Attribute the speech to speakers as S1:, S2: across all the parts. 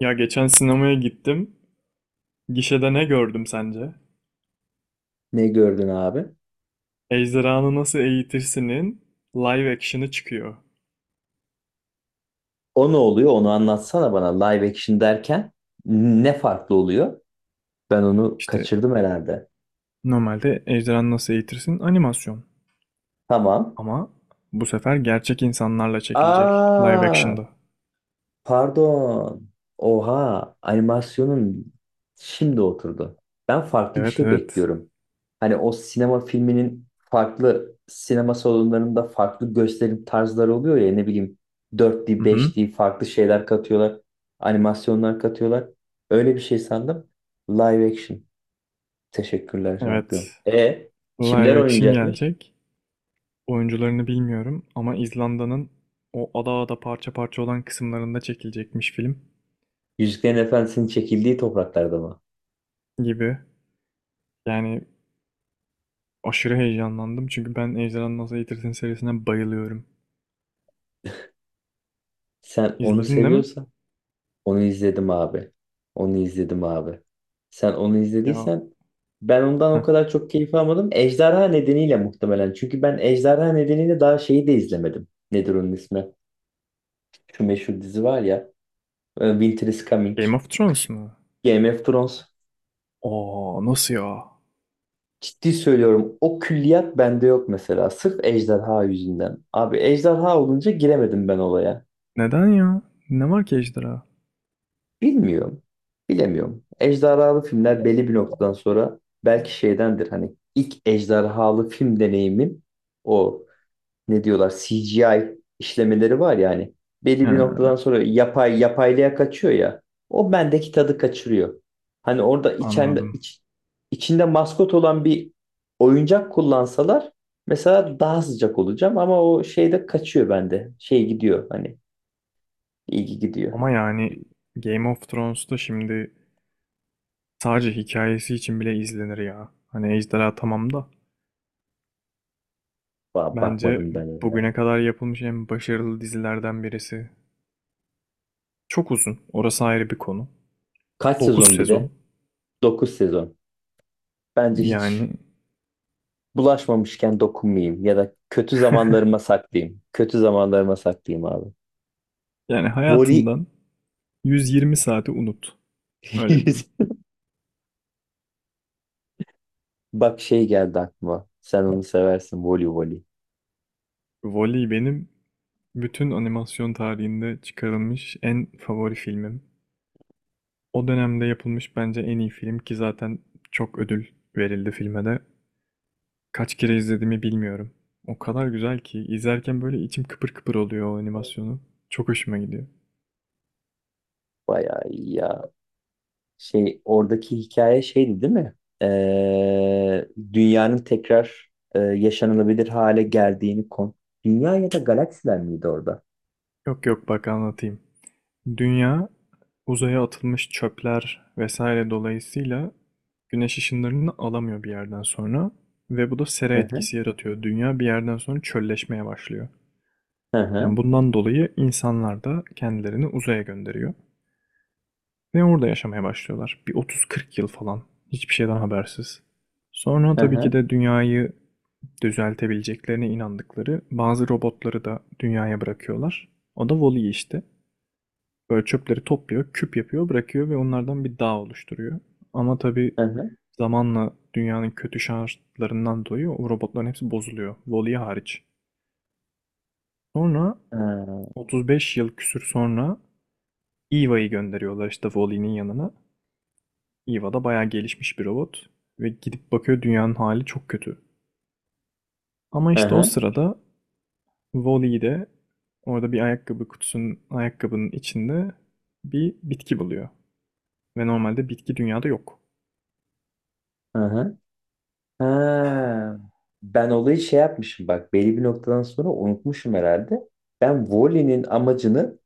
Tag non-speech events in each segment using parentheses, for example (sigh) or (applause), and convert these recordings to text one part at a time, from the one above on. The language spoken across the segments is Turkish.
S1: Ya geçen sinemaya gittim. Gişede ne gördüm sence?
S2: Ne gördün abi?
S1: Ejderhanı Nasıl Eğitirsin'in live action'ı çıkıyor.
S2: O ne oluyor? Onu anlatsana bana. Live action derken ne farklı oluyor? Ben onu
S1: İşte
S2: kaçırdım herhalde.
S1: normalde Ejderhanı Nasıl Eğitirsin animasyon.
S2: Tamam.
S1: Ama bu sefer gerçek insanlarla çekilecek live
S2: Aa,
S1: action'da.
S2: pardon. Oha, animasyonun şimdi oturdu. Ben farklı bir
S1: Evet,
S2: şey
S1: evet.
S2: bekliyorum. Hani o sinema filminin farklı sinema salonlarında farklı gösterim tarzları oluyor ya, ne bileyim, dört d,
S1: Hı hı.
S2: beş d, farklı şeyler katıyorlar. Animasyonlar katıyorlar. Öyle bir şey sandım. Live action. Teşekkürler
S1: Evet.
S2: şampiyon. E, kimler
S1: Live action
S2: oynayacakmış?
S1: gelecek. Oyuncularını bilmiyorum ama İzlanda'nın o ada ada parça parça olan kısımlarında çekilecekmiş film
S2: Yüzüklerin Efendisi'nin çekildiği topraklarda mı?
S1: gibi. Yani aşırı heyecanlandım çünkü ben Ejderhanı Nasıl Eğitirsin serisine bayılıyorum.
S2: Sen onu
S1: İzledin değil mi?
S2: seviyorsan onu izledim abi. Onu izledim abi. Sen onu
S1: Ya,
S2: izlediysen ben ondan o
S1: heh.
S2: kadar çok keyif almadım. Ejderha nedeniyle muhtemelen. Çünkü ben Ejderha nedeniyle daha şeyi de izlemedim. Nedir onun ismi? Şu meşhur dizi var ya. Winter is Coming.
S1: Game of Thrones
S2: Kış.
S1: mu?
S2: Game of Thrones.
S1: Oo, nasıl ya?
S2: Ciddi söylüyorum. O külliyat bende yok mesela. Sırf ejderha yüzünden. Abi ejderha olunca giremedim ben olaya.
S1: Neden ya? Ne var ki ejderha?
S2: Bilmiyorum. Bilemiyorum. Ejderhalı filmler belli bir noktadan sonra belki şeydendir. Hani ilk ejderhalı film deneyimim o. Ne diyorlar, CGI işlemeleri var yani. Belli
S1: He,
S2: bir noktadan sonra yapay yapaylığa kaçıyor ya. O bendeki tadı kaçırıyor. Hani orada
S1: anladım.
S2: içinde maskot olan bir oyuncak kullansalar mesela daha sıcak olacağım ama o şeyde kaçıyor bende. Şey gidiyor hani, ilgi gidiyor.
S1: Ama yani Game of Thrones'ta şimdi sadece hikayesi için bile izlenir ya. Hani ejderha tamam da bence
S2: Bakmadım ben ona.
S1: bugüne kadar yapılmış en başarılı dizilerden birisi. Çok uzun. Orası ayrı bir konu.
S2: Kaç
S1: 9
S2: sezon bir de?
S1: sezon.
S2: 9 sezon. Bence hiç
S1: Yani
S2: bulaşmamışken dokunmayayım ya da kötü zamanlarıma
S1: (laughs)
S2: saklayayım. Kötü zamanlarıma saklayayım abi.
S1: yani
S2: Voli
S1: hayatından 120 saati unut. Öyle diyeyim.
S2: (laughs) bak, şey geldi aklıma. Sen onu seversin, voli voli.
S1: Wall-E benim bütün animasyon tarihinde çıkarılmış en favori filmim. O dönemde yapılmış bence en iyi film, ki zaten çok ödül verildi filme de. Kaç kere izlediğimi bilmiyorum. O kadar güzel ki izlerken böyle içim kıpır kıpır oluyor o animasyonu. Çok hoşuma gidiyor.
S2: Bayağı iyi ya. Şey, oradaki hikaye şeydi değil mi? Ee, Dünyanın tekrar yaşanılabilir hale geldiğini kon. Dünya ya da galaksiler miydi orada?
S1: Yok yok, bak anlatayım. Dünya, uzaya atılmış çöpler vesaire dolayısıyla güneş ışınlarını alamıyor bir yerden sonra ve bu da sera
S2: Hı hı,
S1: etkisi yaratıyor. Dünya bir yerden sonra çölleşmeye başlıyor. Yani
S2: hı
S1: bundan dolayı insanlar da kendilerini uzaya gönderiyor ve orada yaşamaya başlıyorlar. Bir 30-40 yıl falan, hiçbir şeyden habersiz. Sonra
S2: hı,
S1: tabii
S2: hı
S1: ki de dünyayı düzeltebileceklerine inandıkları bazı robotları da dünyaya bırakıyorlar. O da Wall-E işte. Böyle çöpleri topluyor, küp yapıyor, bırakıyor ve onlardan bir dağ oluşturuyor. Ama tabii
S2: hı, hı
S1: zamanla dünyanın kötü şartlarından dolayı o robotların hepsi bozuluyor. Wall-E hariç. Sonra
S2: hı,
S1: 35 yıl küsür sonra Eva'yı gönderiyorlar işte Wall-E'nin yanına. Eva da bayağı gelişmiş bir robot ve gidip bakıyor, dünyanın hali çok kötü. Ama
S2: hı
S1: işte o
S2: hı.
S1: sırada Wall-E orada bir ayakkabı kutusunun, ayakkabının içinde bir bitki buluyor. Ve normalde bitki dünyada yok.
S2: Hı. Ha, ben olayı şey yapmışım bak, belli bir noktadan sonra unutmuşum herhalde. Ben Wally'nin amacını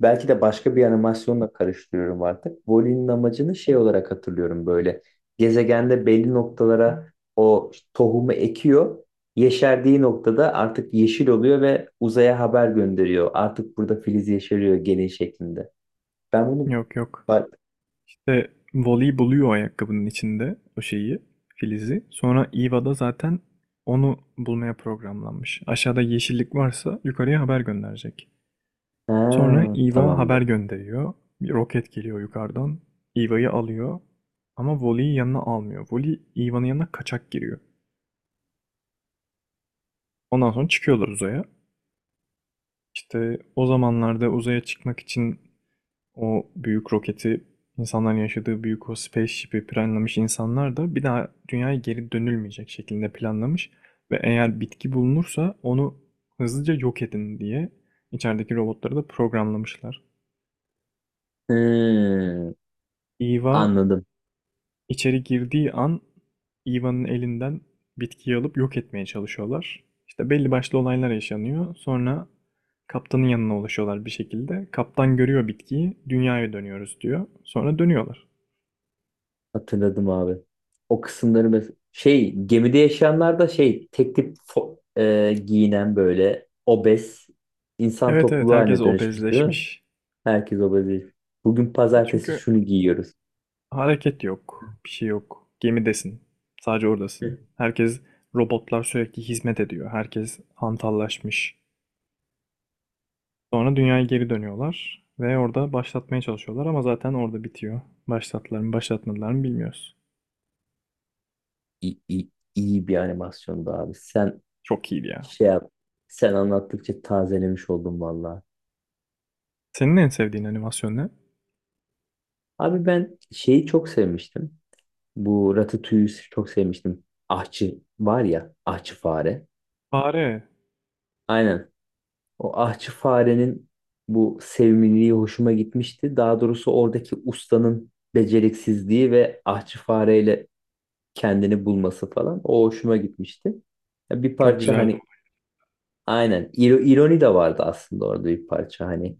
S2: belki de başka bir animasyonla karıştırıyorum artık. Wally'nin amacını şey olarak hatırlıyorum böyle. Gezegende belli noktalara o tohumu ekiyor. Yeşerdiği noktada artık yeşil oluyor ve uzaya haber gönderiyor. Artık burada filiz yeşeriyor gene şeklinde. Ben bunu
S1: Yok yok.
S2: bak.
S1: İşte Voli buluyor ayakkabının içinde o şeyi, filizi. Sonra Eva da zaten onu bulmaya programlanmış. Aşağıda yeşillik varsa yukarıya haber gönderecek. Sonra
S2: Ha,
S1: Eva
S2: tamamdır.
S1: haber gönderiyor. Bir roket geliyor yukarıdan. Eva'yı alıyor. Ama Voli'yi yanına almıyor. Voli Eva'nın yanına kaçak giriyor. Ondan sonra çıkıyorlar uzaya. İşte o zamanlarda uzaya çıkmak için o büyük roketi, insanların yaşadığı büyük o spaceship'i planlamış insanlar da bir daha dünyaya geri dönülmeyecek şekilde planlamış ve eğer bitki bulunursa onu hızlıca yok edin diye içerideki robotları da programlamışlar.
S2: Hmm,
S1: Eva
S2: anladım.
S1: içeri girdiği an Eva'nın elinden bitkiyi alıp yok etmeye çalışıyorlar. İşte belli başlı olaylar yaşanıyor. Sonra kaptanın yanına ulaşıyorlar bir şekilde. Kaptan görüyor bitkiyi, dünyaya dönüyoruz diyor. Sonra dönüyorlar.
S2: Hatırladım abi. O kısımları şey, gemide yaşayanlar da şey, tek tip giyinen böyle obez insan
S1: Evet, evet,
S2: topluluğu
S1: herkes
S2: haline dönüşmüş değil mi?
S1: obezleşmiş.
S2: Herkes obez, değil. Bugün pazartesi
S1: Çünkü
S2: şunu giyiyoruz.
S1: hareket yok, bir şey yok. Gemidesin. Sadece
S2: Hı.
S1: oradasın. Herkes, robotlar sürekli hizmet ediyor. Herkes hantallaşmış. Sonra dünyaya geri dönüyorlar ve orada başlatmaya çalışıyorlar ama zaten orada bitiyor. Başlattılar mı, başlatmadılar mı bilmiyoruz.
S2: İyi, iyi, iyi bir animasyondu abi. Sen
S1: Çok iyiydi ya.
S2: şey yap. Sen anlattıkça tazelemiş oldum valla.
S1: Senin en sevdiğin animasyon ne?
S2: Abi ben şeyi çok sevmiştim. Bu Ratatouille'ü çok sevmiştim. Ahçı var ya, ahçı fare.
S1: Fare.
S2: Aynen. O ahçı farenin bu sevimliliği hoşuma gitmişti. Daha doğrusu oradaki ustanın beceriksizliği ve ahçı fareyle kendini bulması falan o hoşuma gitmişti. Ya bir
S1: Çok
S2: parça
S1: güzeldi.
S2: hani, aynen ironi de vardı aslında orada bir parça hani,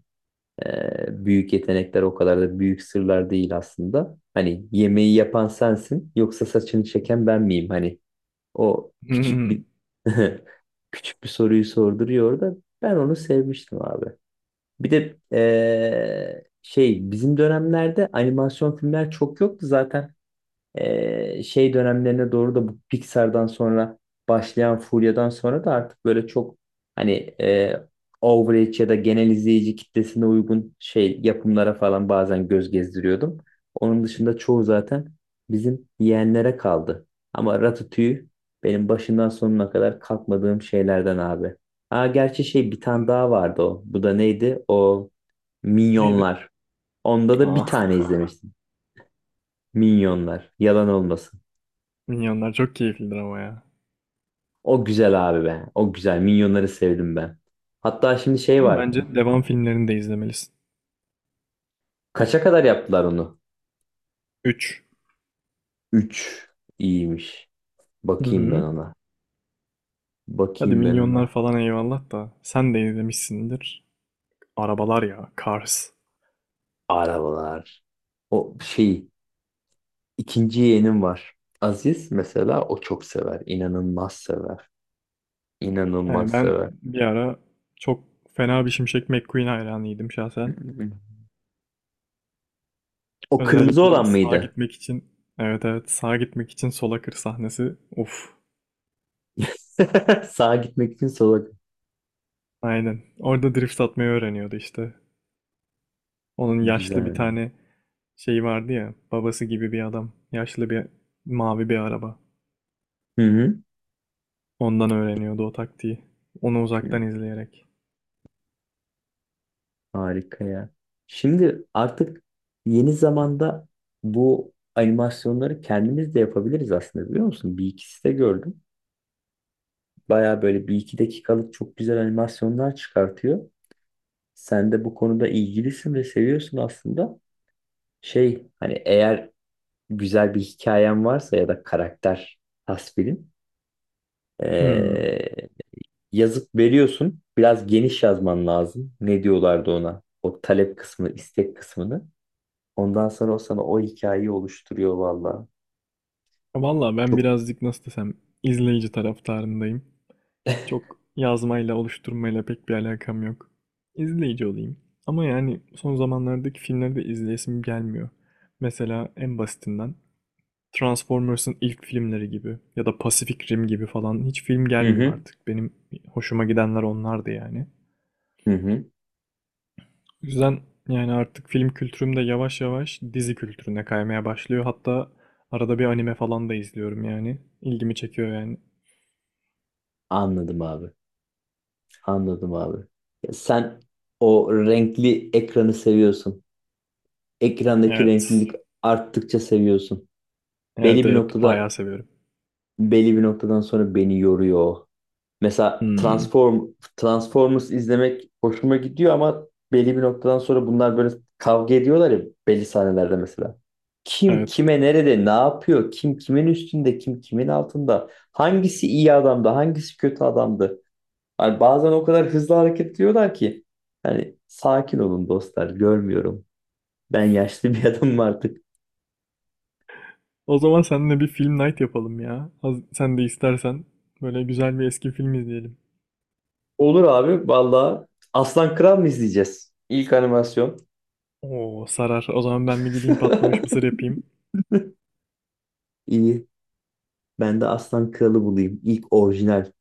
S2: büyük yetenekler o kadar da büyük sırlar değil aslında. Hani yemeği yapan sensin yoksa saçını çeken ben miyim? Hani o küçük bir
S1: (laughs)
S2: (laughs) küçük bir soruyu sorduruyor da ben onu sevmiştim abi. Bir de şey, bizim dönemlerde animasyon filmler çok yoktu zaten. Şey dönemlerine doğru da bu Pixar'dan sonra başlayan furyadan sonra da artık böyle çok hani, eee average ya da genel izleyici kitlesine uygun şey yapımlara falan bazen göz gezdiriyordum. Onun dışında çoğu zaten bizim yeğenlere kaldı. Ama Ratatouille benim başından sonuna kadar kalkmadığım şeylerden abi. Aa, gerçi şey, bir tane daha vardı o. Bu da neydi? O
S1: Neydi?
S2: Minyonlar. Onda da bir
S1: Aa,
S2: tane izlemiştim. Minyonlar. Yalan olmasın.
S1: Minyonlar çok keyiflidir ama ya.
S2: O güzel abi be. O güzel. Minyonları sevdim ben. Hatta şimdi şey
S1: Onun
S2: var.
S1: bence devam filmlerini de izlemelisin.
S2: Kaça kadar yaptılar onu?
S1: 3.
S2: Üç. İyiymiş. Bakayım ben ona.
S1: Hadi
S2: Bakayım ben
S1: minyonlar
S2: ona.
S1: falan eyvallah da sen de izlemişsindir. Arabalar ya, Cars.
S2: Arabalar. O şey, İkinci yeğenim var. Aziz mesela o çok sever. İnanılmaz sever. İnanılmaz
S1: Yani ben
S2: sever.
S1: bir ara çok fena bir Şimşek McQueen hayranıydım şahsen.
S2: O kırmızı
S1: Özellikle
S2: olan
S1: sağa
S2: mıydı?
S1: gitmek için, evet evet, sağa gitmek için sola kır sahnesi. Uf,
S2: (laughs) Sağa gitmek için sola.
S1: aynen. Orada drift atmayı öğreniyordu işte. Onun yaşlı bir
S2: Güzel.
S1: tane şeyi vardı ya, babası gibi bir adam. Yaşlı bir, mavi bir araba.
S2: Hı hı.
S1: Ondan öğreniyordu o taktiği. Onu
S2: Hı.
S1: uzaktan izleyerek.
S2: Harika ya. Şimdi artık yeni zamanda bu animasyonları kendimiz de yapabiliriz aslında, biliyor musun? Bir ikisi de gördüm. Baya böyle bir iki dakikalık çok güzel animasyonlar çıkartıyor. Sen de bu konuda ilgilisin ve seviyorsun aslında. Şey hani, eğer güzel bir hikayen varsa ya da karakter tasvirin,
S1: Hmm.
S2: ee, yazıp veriyorsun. Biraz geniş yazman lazım. Ne diyorlardı ona? O talep kısmı, istek kısmını. Ondan sonra o sana o hikayeyi oluşturuyor valla.
S1: Valla ben
S2: Çok.
S1: birazcık nasıl desem, izleyici taraftarındayım. Çok yazmayla, oluşturmayla pek bir alakam yok. İzleyici olayım. Ama yani son zamanlardaki filmleri de izleyesim gelmiyor. Mesela en basitinden Transformers'ın ilk filmleri gibi ya da Pacific Rim gibi falan hiç film
S2: Hı
S1: gelmiyor
S2: hı.
S1: artık. Benim hoşuma gidenler onlardı yani.
S2: Hı hı.
S1: O yüzden yani artık film kültürüm de yavaş yavaş dizi kültürüne kaymaya başlıyor. Hatta arada bir anime falan da izliyorum yani. İlgimi çekiyor yani.
S2: Anladım abi. Anladım abi. Ya sen o renkli ekranı seviyorsun. Ekrandaki
S1: Evet.
S2: renklilik arttıkça seviyorsun.
S1: Evet
S2: Belli bir
S1: evet, bayağı
S2: noktada
S1: seviyorum.
S2: belli bir noktadan sonra beni yoruyor, o. Mesela
S1: Hmm,
S2: Transformers izlemek hoşuma gidiyor ama belli bir noktadan sonra bunlar böyle kavga ediyorlar ya, belli sahnelerde mesela. Kim
S1: evet.
S2: kime nerede ne yapıyor? Kim kimin üstünde? Kim kimin altında? Hangisi iyi adamdı? Hangisi kötü adamdı? Yani bazen o kadar hızlı hareket ediyorlar ki hani sakin olun dostlar, görmüyorum. Ben yaşlı bir (laughs) adamım artık.
S1: O zaman seninle bir film night yapalım ya. Sen de istersen böyle güzel bir eski film izleyelim.
S2: Olur abi valla. Aslan Kral mı izleyeceğiz? İlk animasyon.
S1: Oo, sarar. O zaman ben bir gideyim patlamış mısır yapayım.
S2: (laughs) İyi. Ben de Aslan Kralı bulayım. İlk orijinal.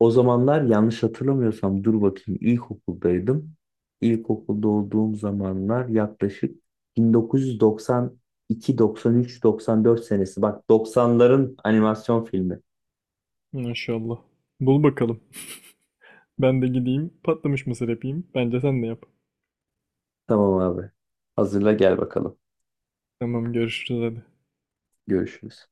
S2: O zamanlar yanlış hatırlamıyorsam, dur bakayım, ilkokuldaydım. İlkokulda olduğum zamanlar yaklaşık 1992, 93, 94 senesi. Bak, 90'ların animasyon filmi.
S1: Maşallah. Bul bakalım. (laughs) Ben de gideyim patlamış mısır yapayım. Bence sen de yap.
S2: Tamam abi. Hazırla gel bakalım.
S1: Tamam, görüşürüz hadi.
S2: Görüşürüz.